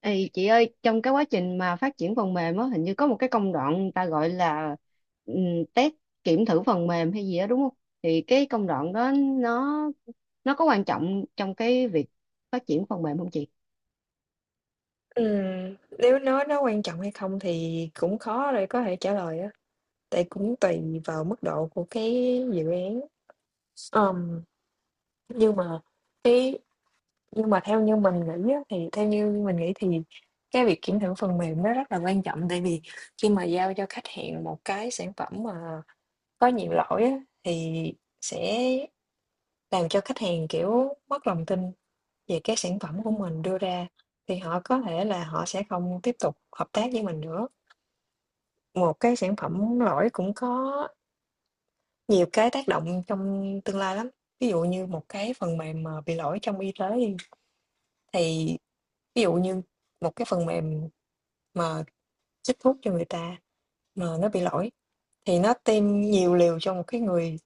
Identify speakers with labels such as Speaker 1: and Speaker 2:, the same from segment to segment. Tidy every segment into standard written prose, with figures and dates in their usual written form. Speaker 1: Ê, chị ơi, trong cái quá trình mà phát triển phần mềm á, hình như có một cái công đoạn người ta gọi là ừm, test kiểm thử phần mềm hay gì đó đúng không? Thì cái công đoạn đó nó nó có quan trọng trong cái việc phát triển phần mềm không chị?
Speaker 2: Nếu nói nó quan trọng hay không thì cũng khó để có thể trả lời á, tại cũng tùy vào mức độ của cái dự án. Ờm, nhưng mà cái nhưng mà theo như mình nghĩ á, thì theo như mình nghĩ thì cái việc kiểm thử phần mềm nó rất là quan trọng, tại vì khi mà giao cho khách hàng một cái sản phẩm mà có nhiều lỗi á, thì sẽ làm cho khách hàng, kiểu, mất lòng tin về cái sản phẩm của
Speaker 1: Ừ.
Speaker 2: mình đưa ra, thì họ có thể là họ sẽ không tiếp tục hợp tác với mình nữa. Một cái sản phẩm lỗi cũng có nhiều cái tác động trong tương lai lắm. Ví dụ như một cái phần mềm mà bị lỗi trong y tế đi, thì ví dụ như một cái phần mềm mà chích thuốc cho người ta mà nó bị lỗi thì nó tiêm nhiều liều cho một cái người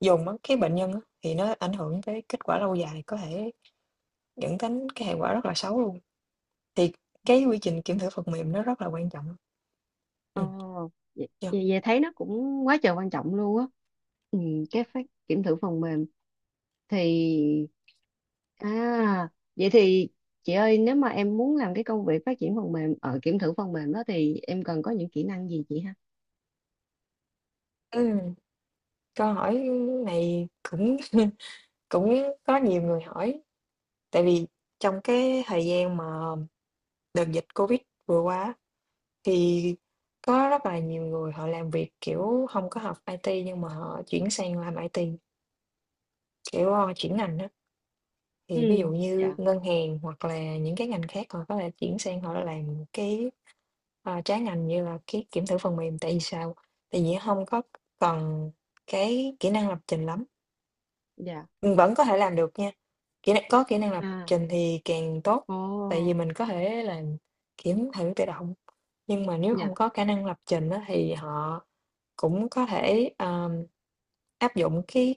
Speaker 2: dùng á, cái bệnh nhân á, thì nó ảnh hưởng tới kết quả lâu dài, có thể dẫn đến cái hệ quả rất là xấu luôn. Thì cái quy trình kiểm thử phần mềm nó rất là quan trọng.
Speaker 1: Ờ,
Speaker 2: Ừm,
Speaker 1: vậy,
Speaker 2: yeah.
Speaker 1: vậy vậy thấy nó cũng quá trời quan trọng luôn á. Ừ, cái phát kiểm thử phần mềm thì à vậy thì chị ơi nếu mà em muốn làm cái công việc phát triển phần mềm ở kiểm thử phần mềm đó thì em cần có những kỹ năng gì chị ha?
Speaker 2: Ừm, Câu hỏi này cũng cũng có nhiều người hỏi, tại vì trong cái thời gian mà đợt dịch Covid vừa qua á, thì có rất là nhiều người họ làm việc, kiểu, hông có học IT nhưng mà họ chuyển sang làm IT, kiểu, ơ, chuyển ngành á. Thì ví
Speaker 1: Ừ.
Speaker 2: dụ như
Speaker 1: Dạ.
Speaker 2: ngân hàng hoặc là những cái ngành khác họ có thể chuyển sang họ làm cái, trái ngành như là cái kiểm thử phần mềm, tại vì sao? Tại vì hông có cần cái kỹ năng lập trình lắm,
Speaker 1: Dạ.
Speaker 2: vẫn có thể làm được nha. Kỹ năng có kỹ năng lập
Speaker 1: À.
Speaker 2: trình thì càng tốt,
Speaker 1: Ồ.
Speaker 2: tại vì mình có thể là kiếm thử tự động, nhưng mà nếu không
Speaker 1: Dạ.
Speaker 2: có khả năng lập trình á thì họ cũng có thể, áp dụng cái,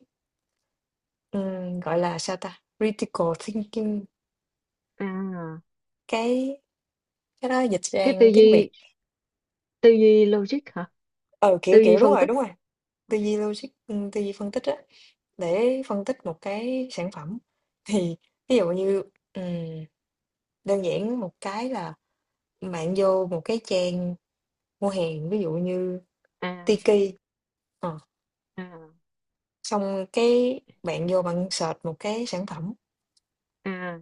Speaker 2: gọi là, sao ta, critical thinking,
Speaker 1: À.
Speaker 2: cái cái đó dịch
Speaker 1: cái
Speaker 2: sang tiếng Việt.
Speaker 1: tư duy logic hả?
Speaker 2: Ờ
Speaker 1: Tư
Speaker 2: kiểu,
Speaker 1: duy
Speaker 2: kiểu
Speaker 1: phân tích.
Speaker 2: đúng rồi, tư duy logic, tư duy phân tích á, để phân tích một cái sản phẩm. Thì ví dụ như, ừm, đơn giản một cái là bạn vô một cái trang mua hàng ví dụ như
Speaker 1: À.
Speaker 2: Tiki. Ờ,
Speaker 1: À.
Speaker 2: xong cái bạn vô bạn search một cái sản phẩm.
Speaker 1: À.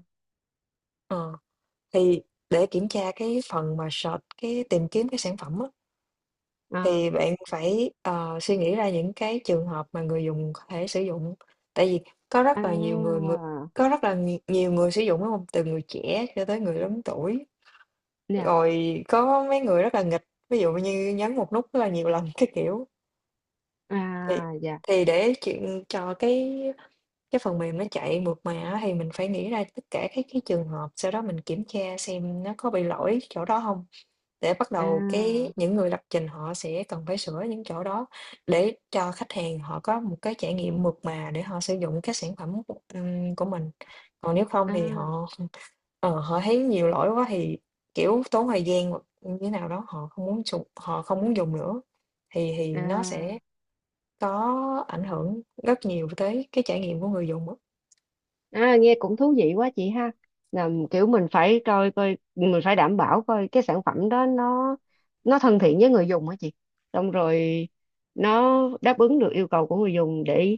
Speaker 2: Ờ, thì để kiểm tra cái phần mà search cái tìm kiếm cái sản phẩm á,
Speaker 1: À.
Speaker 2: thì bạn phải suy nghĩ ra những cái trường hợp mà người dùng có thể sử dụng, tại vì có rất là nhiều người,
Speaker 1: À.
Speaker 2: người có rất là nhi- nhiều người sử dụng đúng không, từ người trẻ cho tới người lớn tuổi,
Speaker 1: Dạ.
Speaker 2: rồi có mấy người rất là nghịch ví dụ như nhấn một nút rất là nhiều lần cái kiểu. Thì
Speaker 1: À. Dạ.
Speaker 2: thì để chuyện cho cái phần mềm nó chạy mượt mà á, thì mình phải nghĩ ra tất cả các cái trường hợp, sau đó mình kiểm tra xem nó có bị lỗi chỗ đó hông, để bắt đầu cái
Speaker 1: À.
Speaker 2: những người lập trình họ sẽ cần phải sửa những chỗ đó để cho khách hàng họ có một cái trải nghiệm mượt mà để họ sử dụng cái sản phẩm của mình. Còn nếu không thì họ
Speaker 1: À.
Speaker 2: họ thấy nhiều lỗi quá thì, kiểu, tốn thời gian hoặc như thế nào đó, họ không muốn dùng nữa, thì nó sẽ
Speaker 1: À.
Speaker 2: có ảnh hưởng rất nhiều tới cái trải nghiệm của người dùng á.
Speaker 1: À, nghe cũng thú vị quá chị ha. Là kiểu mình phải coi coi mình phải đảm bảo coi cái sản phẩm đó nó thân thiện với người dùng hả chị. Xong rồi nó đáp ứng được yêu cầu của người dùng, để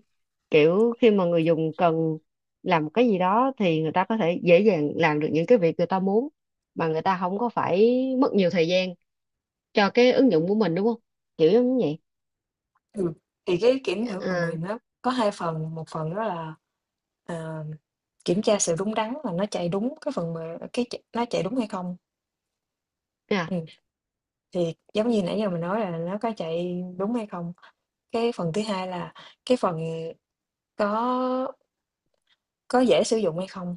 Speaker 1: kiểu khi mà người dùng cần làm một cái gì đó thì người ta có thể dễ dàng làm được những cái việc người ta muốn mà người ta không có phải mất nhiều thời gian cho cái ứng dụng của mình đúng không? Kiểu giống như vậy.
Speaker 2: Ừm, thì cái kiểm thử phần
Speaker 1: À.
Speaker 2: mềm đó có 2 phần, một phần đó là, ờ, kiểm tra sự đúng đắn là nó chạy đúng cái phần mềm cái ch nó chạy đúng hay không.
Speaker 1: À.
Speaker 2: Ừm, thì giống như nãy giờ mình nói là nó có chạy đúng hay không. Cái phần thứ hai là cái phần có có dễ sử dụng hay không.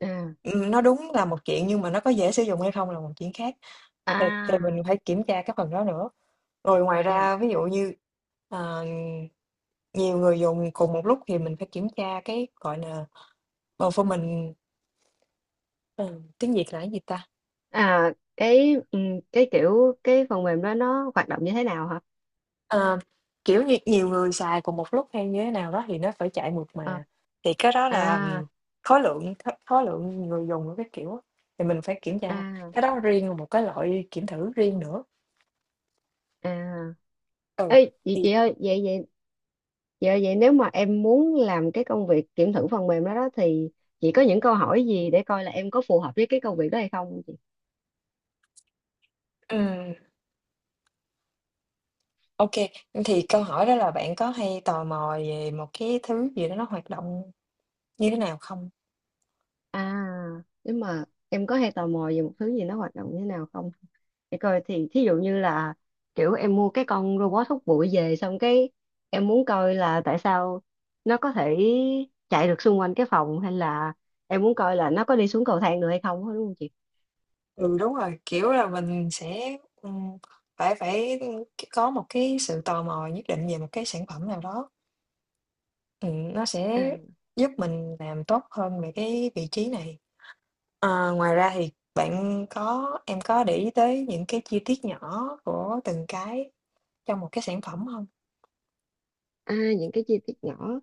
Speaker 1: À.
Speaker 2: Nó đúng là một chuyện nhưng mà nó có dễ sử dụng hay không là một chuyện khác, thì
Speaker 1: À.
Speaker 2: mình phải kiểm tra cái phần đó nữa. Rồi ngoài ra
Speaker 1: Dạ.
Speaker 2: ví dụ như, ờ, nhiều người dùng cùng một lúc thì mình phải kiểm tra cái, gọi là, performance ờ, tiếng Việt là cái gì ta?
Speaker 1: à cái ừ, cái kiểu cái phần mềm đó nó hoạt động như thế nào hả?
Speaker 2: Ờ, kiểu như, nhiều người xài cùng một lúc hay như thế nào đó thì nó phải chạy mượt
Speaker 1: Ờ.
Speaker 2: mà, thì cái đó là,
Speaker 1: À.
Speaker 2: khối lượng người dùng của cái kiểu á, thì mình phải kiểm tra,
Speaker 1: À.
Speaker 2: cái đó riêng một cái loại kiểm thử riêng nữa.
Speaker 1: À.
Speaker 2: Ừ,
Speaker 1: Ê, chị
Speaker 2: thì
Speaker 1: chị ơi vậy vậy chị ơi vậy nếu mà em muốn làm cái công việc kiểm thử phần mềm đó đó thì chị có những câu hỏi gì để coi là em có phù hợp với cái công việc đó hay không?
Speaker 2: ừm. OK, thì câu hỏi đó là bạn có hay tò mò về một cái thứ gì đó nó hoạt động như thế nào không?
Speaker 1: À, nhưng mà em có hay tò mò về một thứ gì nó hoạt động như thế nào không? Để coi thì thí dụ như là kiểu em mua cái con robot hút bụi về, xong cái em muốn coi là tại sao nó có thể chạy được xung quanh cái phòng, hay là em muốn coi là nó có đi xuống cầu thang được hay không á, đúng không chị?
Speaker 2: Ừ, đúng rồi, kiểu là, mình sẽ, phải phải, có một cái sự tò mò nhất định về một cái sản phẩm nào đó, nó sẽ giúp mình làm tốt hơn về cái vị trí này. Ờ, ngoài ra thì bạn có em có để ý tới những cái chi tiết nhỏ của từng cái trong một cái sản phẩm không?
Speaker 1: À, những cái chi tiết nhỏ,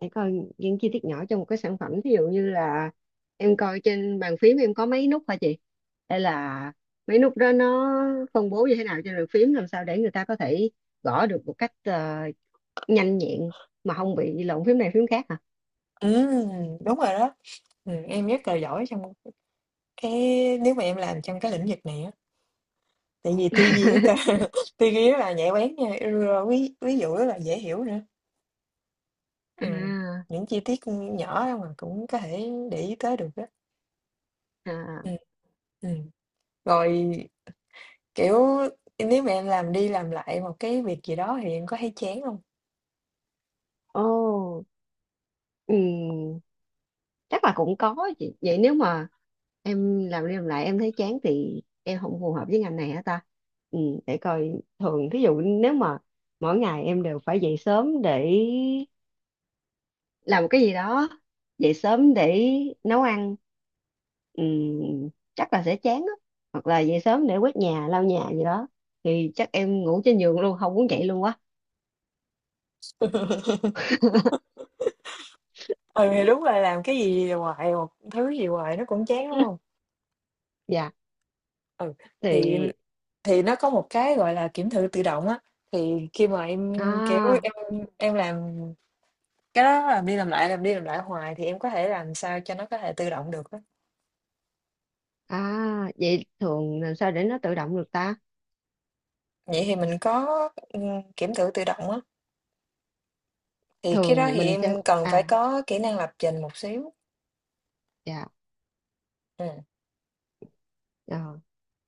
Speaker 1: để coi những chi tiết nhỏ trong một cái sản phẩm, ví dụ như là em coi trên bàn phím em có mấy nút hả chị, hay là mấy nút đó nó phân bố như thế nào trên bàn phím, làm sao để người ta có thể gõ được một cách nhanh nhẹn mà không bị lộn phím này phím khác hả?
Speaker 2: Ừ, đúng rồi đó, em rất là giỏi trong Cái nếu mà em làm trong cái lĩnh vực này á, tại vì tư duy rất là tư duy rất là nhạy bén nha, rồi ví ví dụ rất là dễ hiểu nữa. Ừ.
Speaker 1: À.
Speaker 2: Những chi tiết nhỏ mà cũng có thể để ý tới được đó.
Speaker 1: À.
Speaker 2: Ừ. Ừ. Rồi kiểu nếu mà em làm đi làm lại một cái việc gì đó thì em có thấy chán không?
Speaker 1: Ô. Ừ, chắc là cũng có chị. Vậy nếu mà em làm đi làm lại em thấy chán thì em không phù hợp với ngành này hả ta? Ừ, để coi, thường thí dụ nếu mà mỗi ngày em đều phải dậy sớm để làm một cái gì đó, dậy sớm để nấu ăn, ừ, chắc là sẽ chán á, hoặc là dậy sớm để quét nhà lau nhà gì đó thì chắc em ngủ trên giường luôn không muốn dậy luôn quá.
Speaker 2: Ừ, thì đúng là làm cái gì hoài một thứ gì hoài nó cũng chán đúng không?
Speaker 1: Dạ.
Speaker 2: Ừ, thì
Speaker 1: thì
Speaker 2: thì nó có một cái gọi là kiểm thử tự động á, thì khi mà em kiểu
Speaker 1: à
Speaker 2: em làm. Cái đó làm đi làm lại, làm đi làm lại hoài thì em có thể làm sao cho nó có thể tự động được á.
Speaker 1: à Vậy thường làm sao để nó tự động được ta?
Speaker 2: Vậy thì mình có, kiểm thử tự động á, thì cái đó
Speaker 1: Thường
Speaker 2: thì
Speaker 1: mình sẽ
Speaker 2: em cần phải
Speaker 1: à
Speaker 2: có kỹ năng lập trình một xíu.
Speaker 1: Dạ.
Speaker 2: Ừm,
Speaker 1: ờ,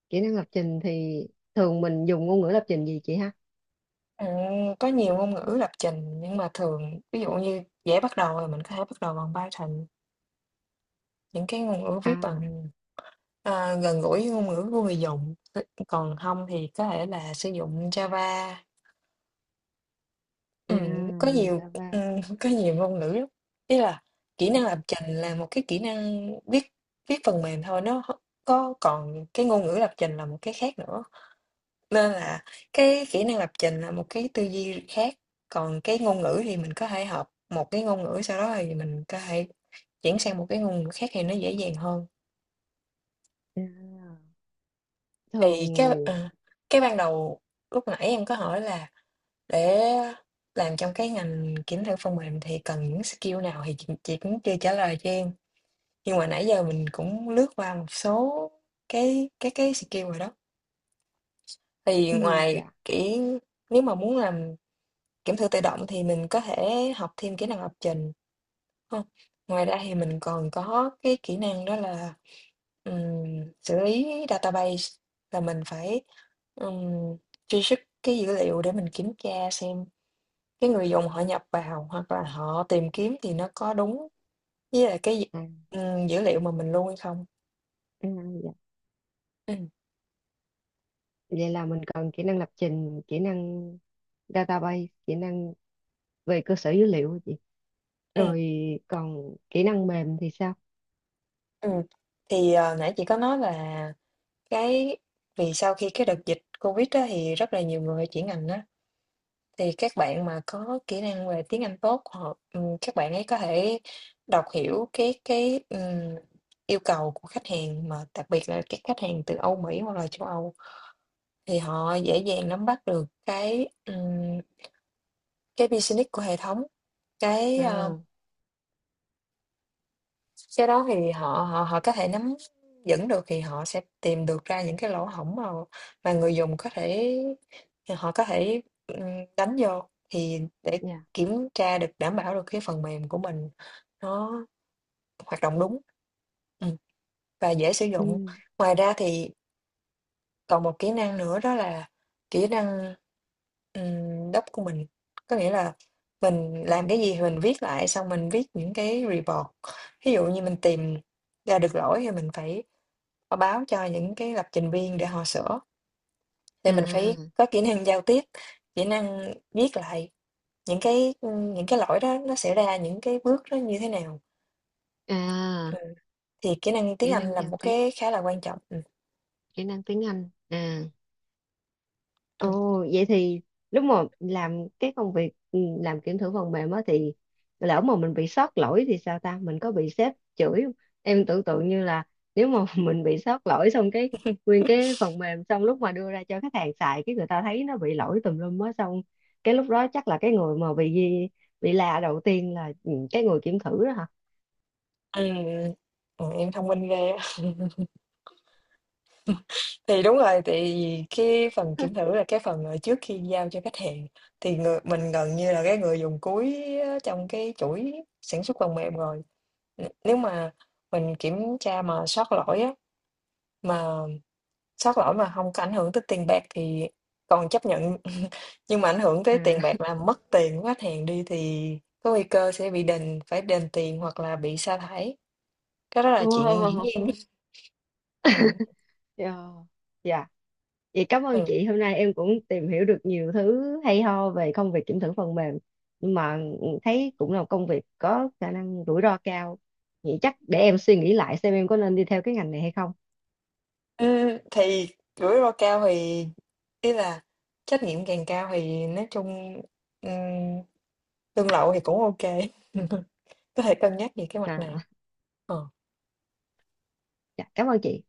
Speaker 1: Kỹ năng lập trình thì thường mình dùng ngôn ngữ lập trình gì chị ha?
Speaker 2: ừm, có nhiều ngôn ngữ lập trình nhưng mà thường ví dụ như dễ bắt đầu là mình có thể bắt đầu bằng Python, những cái ngôn ngữ
Speaker 1: À.
Speaker 2: viết bằng, gần gũi với ngôn ngữ của người dùng. Còn không thì có thể là sử dụng Java.
Speaker 1: À.
Speaker 2: Ừm, có
Speaker 1: Dùng
Speaker 2: nhiều,
Speaker 1: Java.
Speaker 2: có nhiều ngôn ngữ lắm. Ý là kỹ
Speaker 1: À.
Speaker 2: năng lập trình là một cái kỹ năng viết viết phần mềm thôi, nó h có còn cái ngôn ngữ lập trình là một cái khác nữa, nên là cái kỹ năng lập trình là một cái tư duy khác, còn cái ngôn ngữ thì mình có thể học một cái ngôn ngữ, sau đó thì mình có thể chuyển sang một cái ngôn ngữ khác thì nó dễ dàng hơn.
Speaker 1: À.
Speaker 2: Thì cái
Speaker 1: Thường.
Speaker 2: ờ, cái ban đầu lúc nãy em có hỏi là để làm trong cái ngành kiểm thử phần mềm thì cần những skill nào thì chị cũng chưa trả lời cho em. Nhưng mà nãy giờ mình cũng lướt qua một số cái skill rồi đó. Thì
Speaker 1: Ừ.
Speaker 2: ngoài
Speaker 1: Dạ.
Speaker 2: kỹ nếu mà muốn làm kiểm thử tự động thì mình có thể học thêm kỹ năng lập trình không? Ngoài ra thì mình còn có cái kỹ năng đó là xử lý database là mình phải um, truy xuất cái dữ liệu để mình kiểm tra xem cái người dùng họ nhập vào hoặc là họ tìm kiếm thì nó có đúng với lại cái dữ
Speaker 1: À.
Speaker 2: dữ liệu mà mình lưu hay không.
Speaker 1: À. Dạ.
Speaker 2: Ừ.
Speaker 1: Vậy là mình cần kỹ năng lập trình, kỹ năng database, kỹ năng về cơ sở dữ liệu hả chị?
Speaker 2: Ừ.
Speaker 1: Rồi còn kỹ năng mềm thì sao?
Speaker 2: Ừ. Thì nãy chị có nói là Cái vì sau khi cái đợt dịch Covid á, thì rất là nhiều người chuyển ngành á, thì các bạn mà có kỹ năng về tiếng Anh tốt, họ các bạn ấy có thể đọc hiểu cái yêu cầu của khách hàng, mà đặc biệt là các khách hàng từ Âu Mỹ hoặc là châu Âu, thì họ dễ dàng nắm bắt được cái business của hệ thống. cái, ờ
Speaker 1: À.
Speaker 2: Cái đó thì họ họ họ có thể nắm vững được thì họ sẽ tìm được ra những cái lỗ hổng mà người dùng có thể họ có thể, đánh vô thì để
Speaker 1: Dạ.
Speaker 2: kiểm tra được, đảm bảo được cái phần mềm của mình nó hoạt động đúng, ừm, và dễ sử
Speaker 1: Ừ.
Speaker 2: dụng. Ngoài ra thì còn một kỹ năng nữa đó là kỹ năng, doc của mình, có nghĩa là mình
Speaker 1: À.
Speaker 2: làm cái gì thì mình viết lại, xong mình viết những cái report. Ví dụ như mình tìm ra được lỗi thì mình phải, báo cho những cái lập trình viên để họ sửa, thì mình phải
Speaker 1: À.
Speaker 2: có kỹ năng giao tiếp, kỹ năng viết lại những cái, những cái lỗi đó nó xảy ra, những cái bước nó như thế nào.
Speaker 1: À.
Speaker 2: Ừm, thì kỹ năng tiếng
Speaker 1: Kỹ
Speaker 2: Anh
Speaker 1: năng
Speaker 2: là
Speaker 1: giao
Speaker 2: một
Speaker 1: tiếp,
Speaker 2: cái khá là quan trọng.
Speaker 1: kỹ năng tiếng Anh à?
Speaker 2: Ừm.
Speaker 1: Ồ, vậy thì lúc mà làm cái công việc làm kiểm thử phần mềm á thì lỡ mà mình bị sót lỗi thì sao ta? Mình có bị sếp chửi không? Em tưởng tượng như là nếu mà mình bị sót lỗi xong cái
Speaker 2: Ừm,
Speaker 1: nguyên cái phần mềm, xong lúc mà đưa ra cho khách hàng xài cái người ta thấy nó bị lỗi tùm lum á, xong cái lúc đó chắc là cái người mà bị la đầu tiên là cái người kiểm thử đó hả?
Speaker 2: ừm, em thông minh ghê á. Thì đúng rồi, tại vì cái phần kiểm thử là cái phần mà trước khi giao cho khách hàng, thì người mình gần như là cái người dùng cuối á, trong cái chuỗi sản xuất phần mềm rồi. Nếu mà mình kiểm tra mà sót lỗi á, mà sót lỗi mà không có ảnh hưởng tới tiền bạc thì còn chấp nhận, nhưng mà ảnh hưởng tới tiền
Speaker 1: À.
Speaker 2: bạc là mất tiền của khách hàng đi thì có nguy cơ sẽ bị đền phải đền tiền hoặc là bị sa thải, cái đó là chuyện dĩ
Speaker 1: Wow.
Speaker 2: nhiên.
Speaker 1: Yeah. Vậy cảm ơn
Speaker 2: Ừ.
Speaker 1: chị, hôm nay em cũng tìm hiểu được nhiều thứ hay ho về công việc kiểm thử phần mềm. Nhưng mà thấy cũng là một công việc có khả năng rủi ro cao. Vậy chắc để em suy nghĩ lại xem em có nên đi theo cái ngành này hay không.
Speaker 2: Thì rủi ro cao thì ý là trách nhiệm càng cao thì nói chung, ừm, lương lậu thì cũng ok có thể cân nhắc về cái mặt này.
Speaker 1: À,
Speaker 2: Ờ.
Speaker 1: dạ, cảm ơn chị.